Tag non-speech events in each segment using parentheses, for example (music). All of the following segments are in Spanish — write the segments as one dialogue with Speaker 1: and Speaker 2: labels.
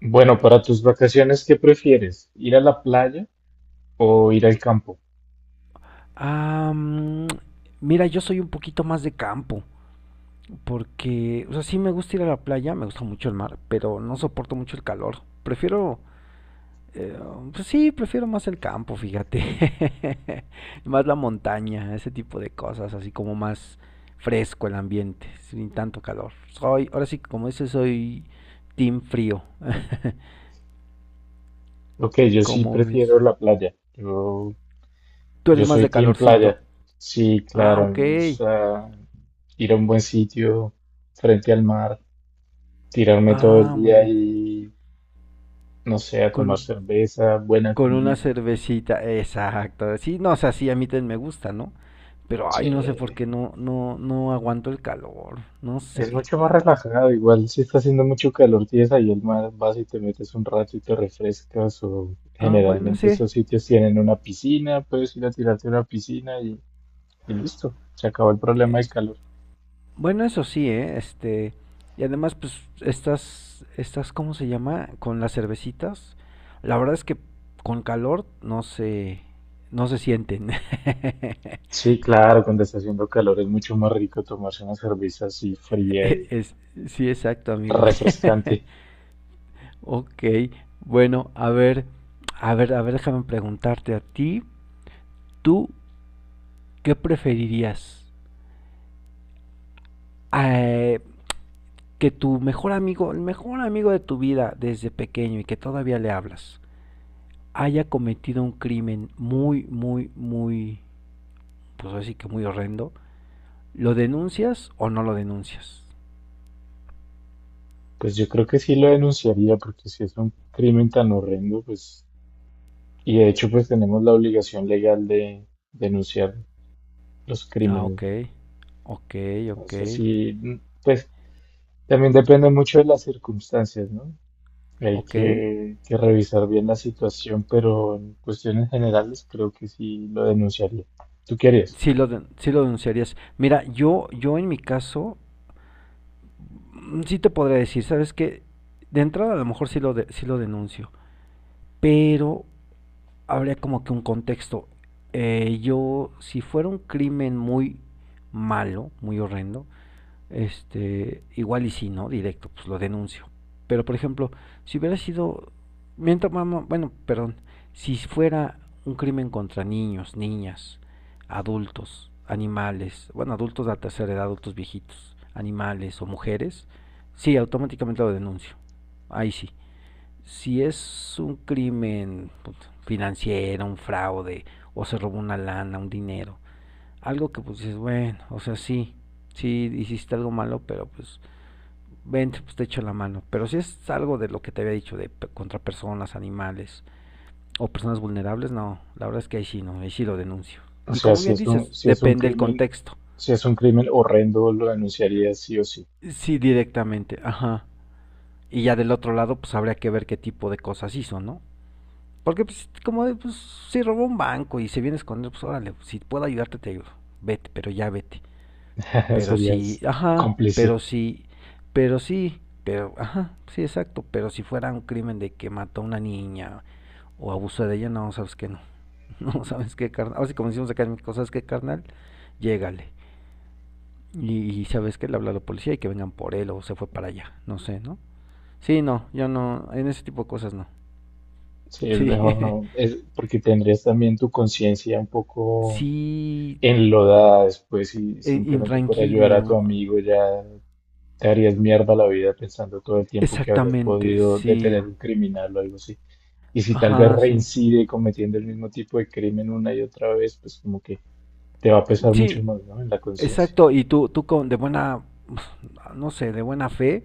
Speaker 1: Bueno, para tus vacaciones, ¿qué prefieres? ¿Ir a la playa o ir al campo?
Speaker 2: Ah, mm, mira, yo soy un poquito más de campo, porque, o sea, sí me gusta ir a la playa, me gusta mucho el mar, pero no soporto mucho el calor. Prefiero, eh, pues sí, prefiero más el campo, fíjate. (laughs) Más la montaña, ese tipo de cosas, así como más fresco el ambiente, sin tanto calor. Soy, ahora sí, que como dices, soy team frío,
Speaker 1: Ok, yo sí
Speaker 2: ¿cómo ves?
Speaker 1: prefiero la playa. Yo,
Speaker 2: Tú
Speaker 1: yo
Speaker 2: eres más
Speaker 1: soy
Speaker 2: de
Speaker 1: team
Speaker 2: calorcito.
Speaker 1: playa. Sí,
Speaker 2: Ah,
Speaker 1: claro, a mí
Speaker 2: ok.
Speaker 1: me gusta ir a un buen sitio, frente al mar, tirarme todo el
Speaker 2: Ah, muy
Speaker 1: día
Speaker 2: bien.
Speaker 1: y, no sé, a
Speaker 2: Con,
Speaker 1: tomar cerveza, buena
Speaker 2: con una
Speaker 1: comida.
Speaker 2: cervecita, exacto. Sí, no, o sea, sí, a mí también me gusta, ¿no? Pero, ay, no sé por
Speaker 1: Sí.
Speaker 2: qué no aguanto el calor, no
Speaker 1: Es
Speaker 2: sé,
Speaker 1: mucho más
Speaker 2: algo.
Speaker 1: relajado, igual si está haciendo mucho calor, tienes ahí el mar, vas y te metes un rato y te refrescas, o
Speaker 2: Ah, bueno,
Speaker 1: generalmente
Speaker 2: sí.
Speaker 1: esos sitios tienen una piscina, puedes ir a tirarte a una piscina y listo, se acabó el problema
Speaker 2: Eh,
Speaker 1: del calor.
Speaker 2: Bueno, eso sí, ¿eh? Este, y además, pues, estas, ¿cómo se llama? Con las cervecitas, la verdad es que con calor no se sienten. (laughs)
Speaker 1: Sí, claro, cuando está haciendo calor es mucho más rico tomarse una cerveza así fría y
Speaker 2: Es, sí, exacto, amigo.
Speaker 1: refrescante.
Speaker 2: (laughs) Ok, bueno, a ver, a ver, déjame preguntarte a ti, ¿tú qué preferirías? Eh, que tu mejor amigo, el mejor amigo de tu vida desde pequeño y que todavía le hablas, haya cometido un crimen muy, muy, muy, pues así que muy horrendo, ¿lo denuncias o no lo denuncias?
Speaker 1: Pues yo creo que sí lo denunciaría, porque si es un crimen tan horrendo, pues, y de hecho pues tenemos la obligación legal de denunciar los
Speaker 2: Ah,
Speaker 1: crímenes,
Speaker 2: ok,
Speaker 1: ¿no?
Speaker 2: ok, ok,
Speaker 1: Entonces sí, pues también depende mucho de las circunstancias, ¿no? Hay
Speaker 2: ok.
Speaker 1: que revisar bien la situación, pero en cuestiones generales creo que sí lo denunciaría. ¿Tú qué harías?
Speaker 2: Sí lo denunciarías. Mira, yo en mi caso, mm, sí te podría decir, ¿sabes qué? De entrada a lo mejor sí lo denuncio, pero habría como que un contexto. Yo, si fuera un crimen muy malo, muy horrendo, este, igual y si no, directo, pues lo denuncio. Pero por ejemplo, si hubiera sido, mientras, bueno, perdón, si fuera un crimen contra niños, niñas, adultos, animales, bueno, adultos de la tercera edad, adultos viejitos, animales o mujeres, sí, automáticamente lo denuncio. Ahí sí. Si es un crimen financiero, un fraude, o se robó una lana, un dinero, algo que pues dices, bueno, o sea, sí, sí hiciste algo malo, pero pues vente, pues te echo la mano. Pero si es algo de lo que te había dicho, de contra personas, animales o personas vulnerables, no, la verdad es que ahí sí no, ahí sí lo denuncio.
Speaker 1: O
Speaker 2: Y
Speaker 1: sea,
Speaker 2: como
Speaker 1: si
Speaker 2: bien
Speaker 1: es un,
Speaker 2: dices,
Speaker 1: si es un
Speaker 2: depende el
Speaker 1: crimen,
Speaker 2: contexto.
Speaker 1: si es un crimen horrendo, lo denunciarías sí o sí.
Speaker 2: Sí, directamente, ajá. Y ya del otro lado, pues habría que ver qué tipo de cosas hizo, ¿no? Porque pues como de, pues Si robó un banco y se viene a esconder, pues órale, si puedo ayudarte te ayudo. Vete, pero ya vete.
Speaker 1: (laughs)
Speaker 2: Pero si,
Speaker 1: Serías
Speaker 2: ajá, pero
Speaker 1: cómplice.
Speaker 2: si, pero sí, pero, ajá, Sí, exacto, pero si fuera un crimen de que mató a una niña o abusó de ella, no, sabes que no, (laughs) no, sabes qué, carnal, ahora sí como decimos acá en México, sabes qué, carnal, llégale, y sabes que le habla a la policía y que vengan por él o se fue para allá, no sé, ¿no? Sí, no, yo no, en ese tipo de cosas no,
Speaker 1: Sí, es
Speaker 2: sí,
Speaker 1: mejor no, es porque tendrías también tu conciencia un poco
Speaker 2: (laughs) sí,
Speaker 1: enlodada después y simplemente por ayudar a tu
Speaker 2: intranquilo,
Speaker 1: amigo ya te harías mierda la vida pensando todo el tiempo que habrías
Speaker 2: exactamente,
Speaker 1: podido
Speaker 2: sí,
Speaker 1: detener un criminal o algo así. Y si tal vez
Speaker 2: ajá, sí,
Speaker 1: reincide cometiendo el mismo tipo de crimen una y otra vez, pues como que te va a pesar
Speaker 2: sí,
Speaker 1: mucho más, ¿no? En la conciencia.
Speaker 2: Exacto, y tú con, de buena, pues, no sé, de buena fe,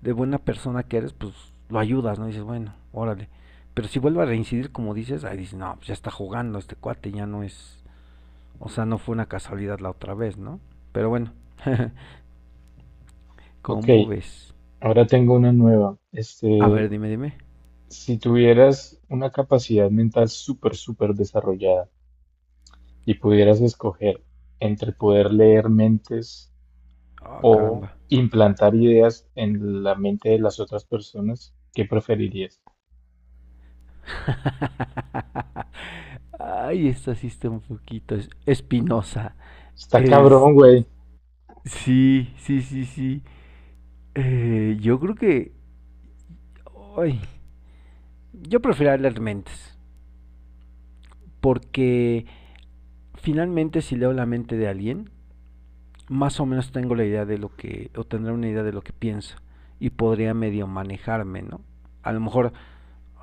Speaker 2: de buena persona que eres, pues lo ayudas, ¿no? Dices, bueno, órale. Pero si vuelve a reincidir, como dices, ahí dices, no, pues ya está jugando este cuate, ya no es, o sea, no fue una casualidad la otra vez, ¿no? Pero bueno, (laughs)
Speaker 1: Ok,
Speaker 2: ¿cómo ves?
Speaker 1: ahora tengo una nueva.
Speaker 2: A ver,
Speaker 1: Este,
Speaker 2: dime.
Speaker 1: si tuvieras una capacidad mental súper, súper desarrollada y pudieras escoger entre poder leer mentes
Speaker 2: Ah,
Speaker 1: o
Speaker 2: caramba.
Speaker 1: implantar ideas en la mente de las otras personas, ¿qué preferirías?
Speaker 2: (laughs) Ay, esta sí está un poquito espinosa.
Speaker 1: Está
Speaker 2: Es,
Speaker 1: cabrón, güey.
Speaker 2: sí, sí. Yo creo que, ay, Yo prefiero leer mentes, porque finalmente si leo la mente de alguien, más o menos tengo la idea de lo que, o tendré una idea de lo que piensa, y podría medio manejarme, ¿no? A lo mejor,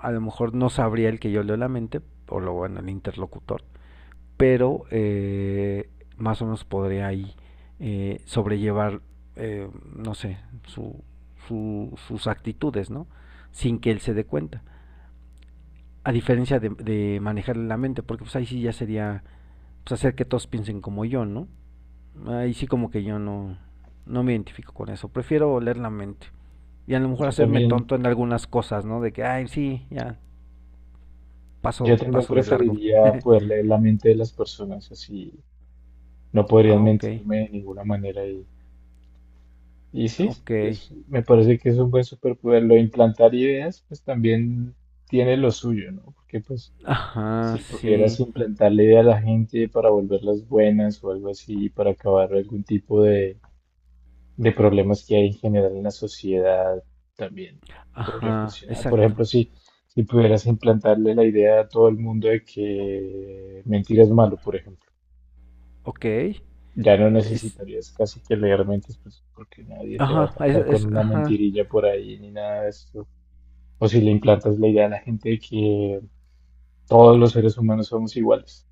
Speaker 2: a lo mejor no sabría el que yo leo la mente, o lo bueno, el interlocutor, pero más o menos podría ahí sobrellevar, no sé, su, sus actitudes, ¿no? Sin que él se dé cuenta. A diferencia de manejarle la mente, porque pues ahí sí ya sería pues, hacer que todos piensen como yo, ¿no? Ahí sí como que yo no, no me identifico con eso, prefiero leer la mente. Y a lo mejor
Speaker 1: Yo
Speaker 2: hacerme
Speaker 1: también,
Speaker 2: tonto en algunas cosas, ¿no? De que, ay, sí, ya,
Speaker 1: yo
Speaker 2: paso,
Speaker 1: también
Speaker 2: paso de largo. (laughs)
Speaker 1: preferiría poder leer la mente de las personas, así no podrían
Speaker 2: ah, ok,
Speaker 1: mentirme de ninguna manera. Y sí,
Speaker 2: ok.
Speaker 1: me parece que es un buen superpoder. Lo de implantar ideas, pues también tiene lo suyo, ¿no? Porque pues
Speaker 2: Ajá,
Speaker 1: si pudieras
Speaker 2: sí,
Speaker 1: implantarle idea a la gente para volverlas buenas o algo así, para acabar algún tipo de problemas que hay en general en la sociedad también podría
Speaker 2: ajá,
Speaker 1: funcionar. Por
Speaker 2: exacto.
Speaker 1: ejemplo, si pudieras implantarle la idea a todo el mundo de que mentir es malo, por ejemplo,
Speaker 2: Ok,
Speaker 1: ya no
Speaker 2: es,
Speaker 1: necesitarías casi que leer mentes, pues, porque nadie te va a
Speaker 2: ajá, es,
Speaker 1: atacar con
Speaker 2: es-
Speaker 1: una
Speaker 2: ajá,
Speaker 1: mentirilla por ahí ni nada de eso. O si le implantas la idea a la gente de que todos los seres humanos somos iguales.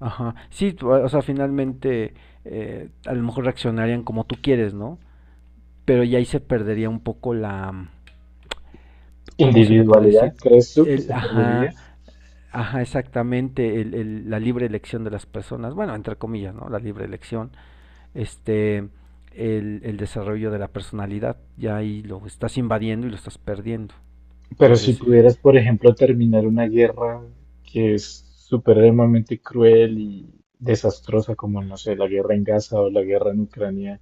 Speaker 2: ajá. Sí, tú, o sea, finalmente a lo mejor reaccionarían como tú quieres, ¿no? Pero ya ahí se perdería un poco la, ¿cómo se le podría
Speaker 1: ¿Individualidad?
Speaker 2: decir?
Speaker 1: ¿Crees tú que
Speaker 2: El,
Speaker 1: se
Speaker 2: ajá,
Speaker 1: perdería?
Speaker 2: ajá, exactamente, la libre elección de las personas, bueno, entre comillas, ¿no? La libre elección, este, el desarrollo de la personalidad, ya ahí lo estás invadiendo y lo estás perdiendo.
Speaker 1: Pero si
Speaker 2: Entonces,
Speaker 1: pudieras, por ejemplo, terminar una guerra que es supremamente cruel y desastrosa, como, no sé, la guerra en Gaza o la guerra en Ucrania,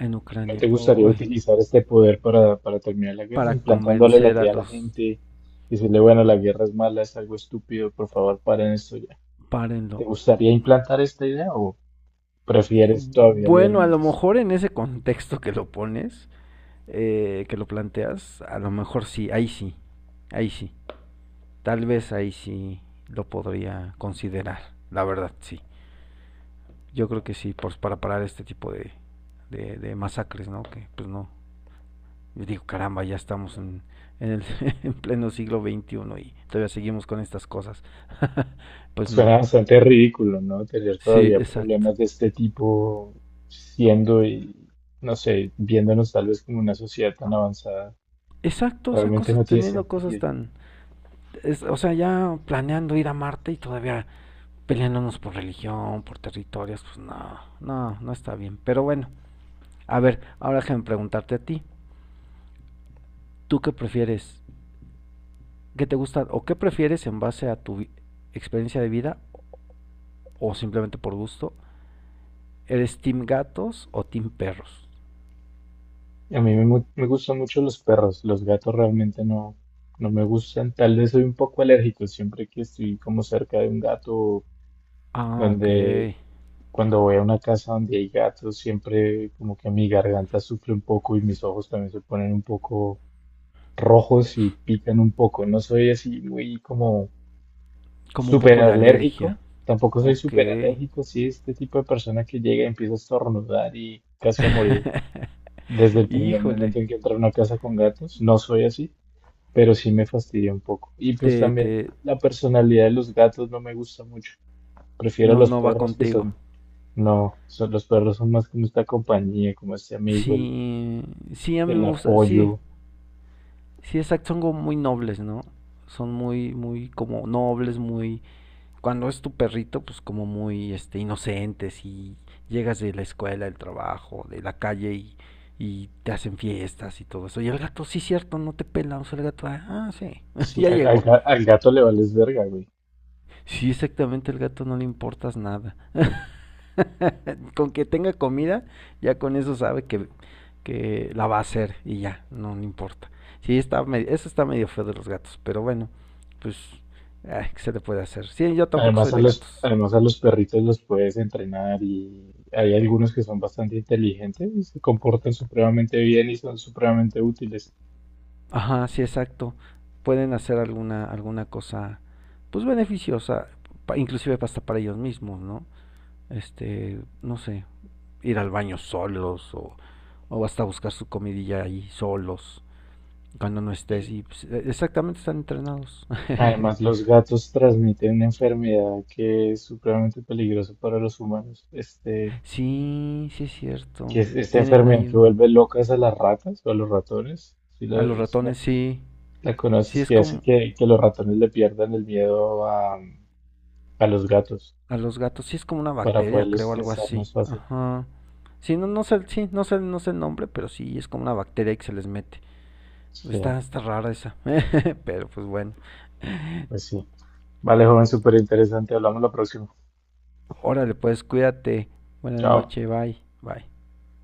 Speaker 2: en
Speaker 1: ¿no
Speaker 2: Ucrania,
Speaker 1: te gustaría
Speaker 2: uy,
Speaker 1: utilizar este poder para terminar la guerra,
Speaker 2: para
Speaker 1: implantándole la
Speaker 2: convencer a
Speaker 1: idea a la
Speaker 2: los,
Speaker 1: gente, decirle, bueno, la guerra es mala, es algo estúpido, por favor, paren esto ya? ¿Te
Speaker 2: párenlo.
Speaker 1: gustaría implantar esta idea o prefieres todavía leer
Speaker 2: Bueno, a lo
Speaker 1: mentes?
Speaker 2: mejor en ese contexto que lo pones, que lo planteas, a lo mejor sí, ahí sí, ahí sí. Tal vez ahí sí lo podría considerar, la verdad sí. Yo creo que sí, pues para parar este tipo de masacres, ¿no? Que pues no, yo digo, caramba, ya estamos en, en, el, (laughs) en pleno siglo XXI y todavía seguimos con estas cosas. (laughs) pues no,
Speaker 1: Suena bastante ridículo, ¿no? Tener
Speaker 2: sí,
Speaker 1: todavía
Speaker 2: exacto.
Speaker 1: problemas de este tipo siendo y, no sé, viéndonos tal vez como una sociedad tan avanzada.
Speaker 2: Exacto, o sea,
Speaker 1: Realmente no tiene
Speaker 2: teniendo cosas
Speaker 1: sentido.
Speaker 2: tan... o sea, ya planeando ir a Marte y todavía peleándonos por religión, por territorios, pues no, no está bien. Pero bueno, a ver, ahora déjame preguntarte a ti. ¿Tú qué prefieres? ¿Qué te gusta o qué prefieres en base a tu experiencia de vida o simplemente por gusto? ¿Eres team gatos o team perros?
Speaker 1: A me gustan mucho los perros, los gatos realmente no, no me gustan. Tal vez soy un poco alérgico siempre que estoy como cerca de un gato,
Speaker 2: Ah, ok.
Speaker 1: donde cuando voy a una casa donde hay gatos, siempre como que mi garganta sufre un poco y mis ojos también se ponen un poco rojos y pican un poco. No soy así muy como
Speaker 2: Como un
Speaker 1: súper
Speaker 2: poco de alergia.
Speaker 1: alérgico. Tampoco soy
Speaker 2: Ok.
Speaker 1: súper alérgico. Sí, este tipo de persona que llega y empieza a estornudar y casi a morir
Speaker 2: (laughs)
Speaker 1: desde el primer
Speaker 2: Híjole.
Speaker 1: momento en que entra a una casa con gatos. No soy así, pero sí me fastidia un poco. Y pues
Speaker 2: Te,
Speaker 1: también
Speaker 2: te,
Speaker 1: la personalidad de los gatos no me gusta mucho. Prefiero a
Speaker 2: no,
Speaker 1: los
Speaker 2: no va
Speaker 1: perros que
Speaker 2: contigo.
Speaker 1: son, no, son, los perros son más como esta compañía, como este amigo,
Speaker 2: Sí, sí, a mí
Speaker 1: el
Speaker 2: me gusta, sí,
Speaker 1: apoyo.
Speaker 2: sí, exacto, son como muy nobles, ¿no? Son muy, muy como nobles, muy cuando es tu perrito, pues como muy este inocente, si llegas de la escuela, del trabajo, de la calle y te hacen fiestas y todo eso. Y el gato, sí, cierto, no te pela. O sea, el gato, ah, sí, (laughs)
Speaker 1: Sí,
Speaker 2: ya llegó.
Speaker 1: al gato le vales verga, güey.
Speaker 2: Sí, exactamente, el gato no le importas nada. (laughs) con que tenga comida, ya con eso sabe que la va a hacer y ya, no le importa. Sí, está medio, eso está medio feo de los gatos, pero bueno, pues, ay, ¿qué se le puede hacer? Sí, yo tampoco
Speaker 1: Además
Speaker 2: soy
Speaker 1: a
Speaker 2: de gatos.
Speaker 1: además a los perritos los puedes entrenar y hay algunos que son bastante inteligentes y se comportan supremamente bien y son supremamente útiles.
Speaker 2: Ajá, sí, exacto. Pueden hacer alguna cosa, pues beneficiosa, inclusive hasta para ellos mismos, ¿no? Este, no sé, ir al baño solos o hasta buscar su comidilla ahí solos cuando no estés
Speaker 1: Y
Speaker 2: y pues, exactamente están entrenados.
Speaker 1: además
Speaker 2: (laughs)
Speaker 1: los gatos transmiten una enfermedad que es supremamente peligrosa para los humanos. Este,
Speaker 2: Sí, sí es cierto.
Speaker 1: que es esta
Speaker 2: Tienen
Speaker 1: enfermedad
Speaker 2: ahí
Speaker 1: que
Speaker 2: un...
Speaker 1: vuelve locas a las ratas o a los ratones. Si
Speaker 2: A
Speaker 1: la,
Speaker 2: los
Speaker 1: si la-
Speaker 2: ratones, sí.
Speaker 1: la
Speaker 2: Sí
Speaker 1: conoces,
Speaker 2: es
Speaker 1: que hace
Speaker 2: como...
Speaker 1: que los ratones le pierdan el miedo a los gatos
Speaker 2: A los gatos, sí es como una
Speaker 1: para
Speaker 2: bacteria,
Speaker 1: poderlos
Speaker 2: creo, algo
Speaker 1: cazar
Speaker 2: así.
Speaker 1: más fácil.
Speaker 2: Ajá. Sí, no, no sé, sí, no sé, no sé el nombre, pero sí es como una bacteria que se les mete.
Speaker 1: Sí,
Speaker 2: Está rara esa. (laughs) Pero pues bueno.
Speaker 1: pues sí. Vale, joven, súper interesante. Hablamos la próxima.
Speaker 2: Órale, pues cuídate. Buenas
Speaker 1: Chao.
Speaker 2: noches, bye, bye.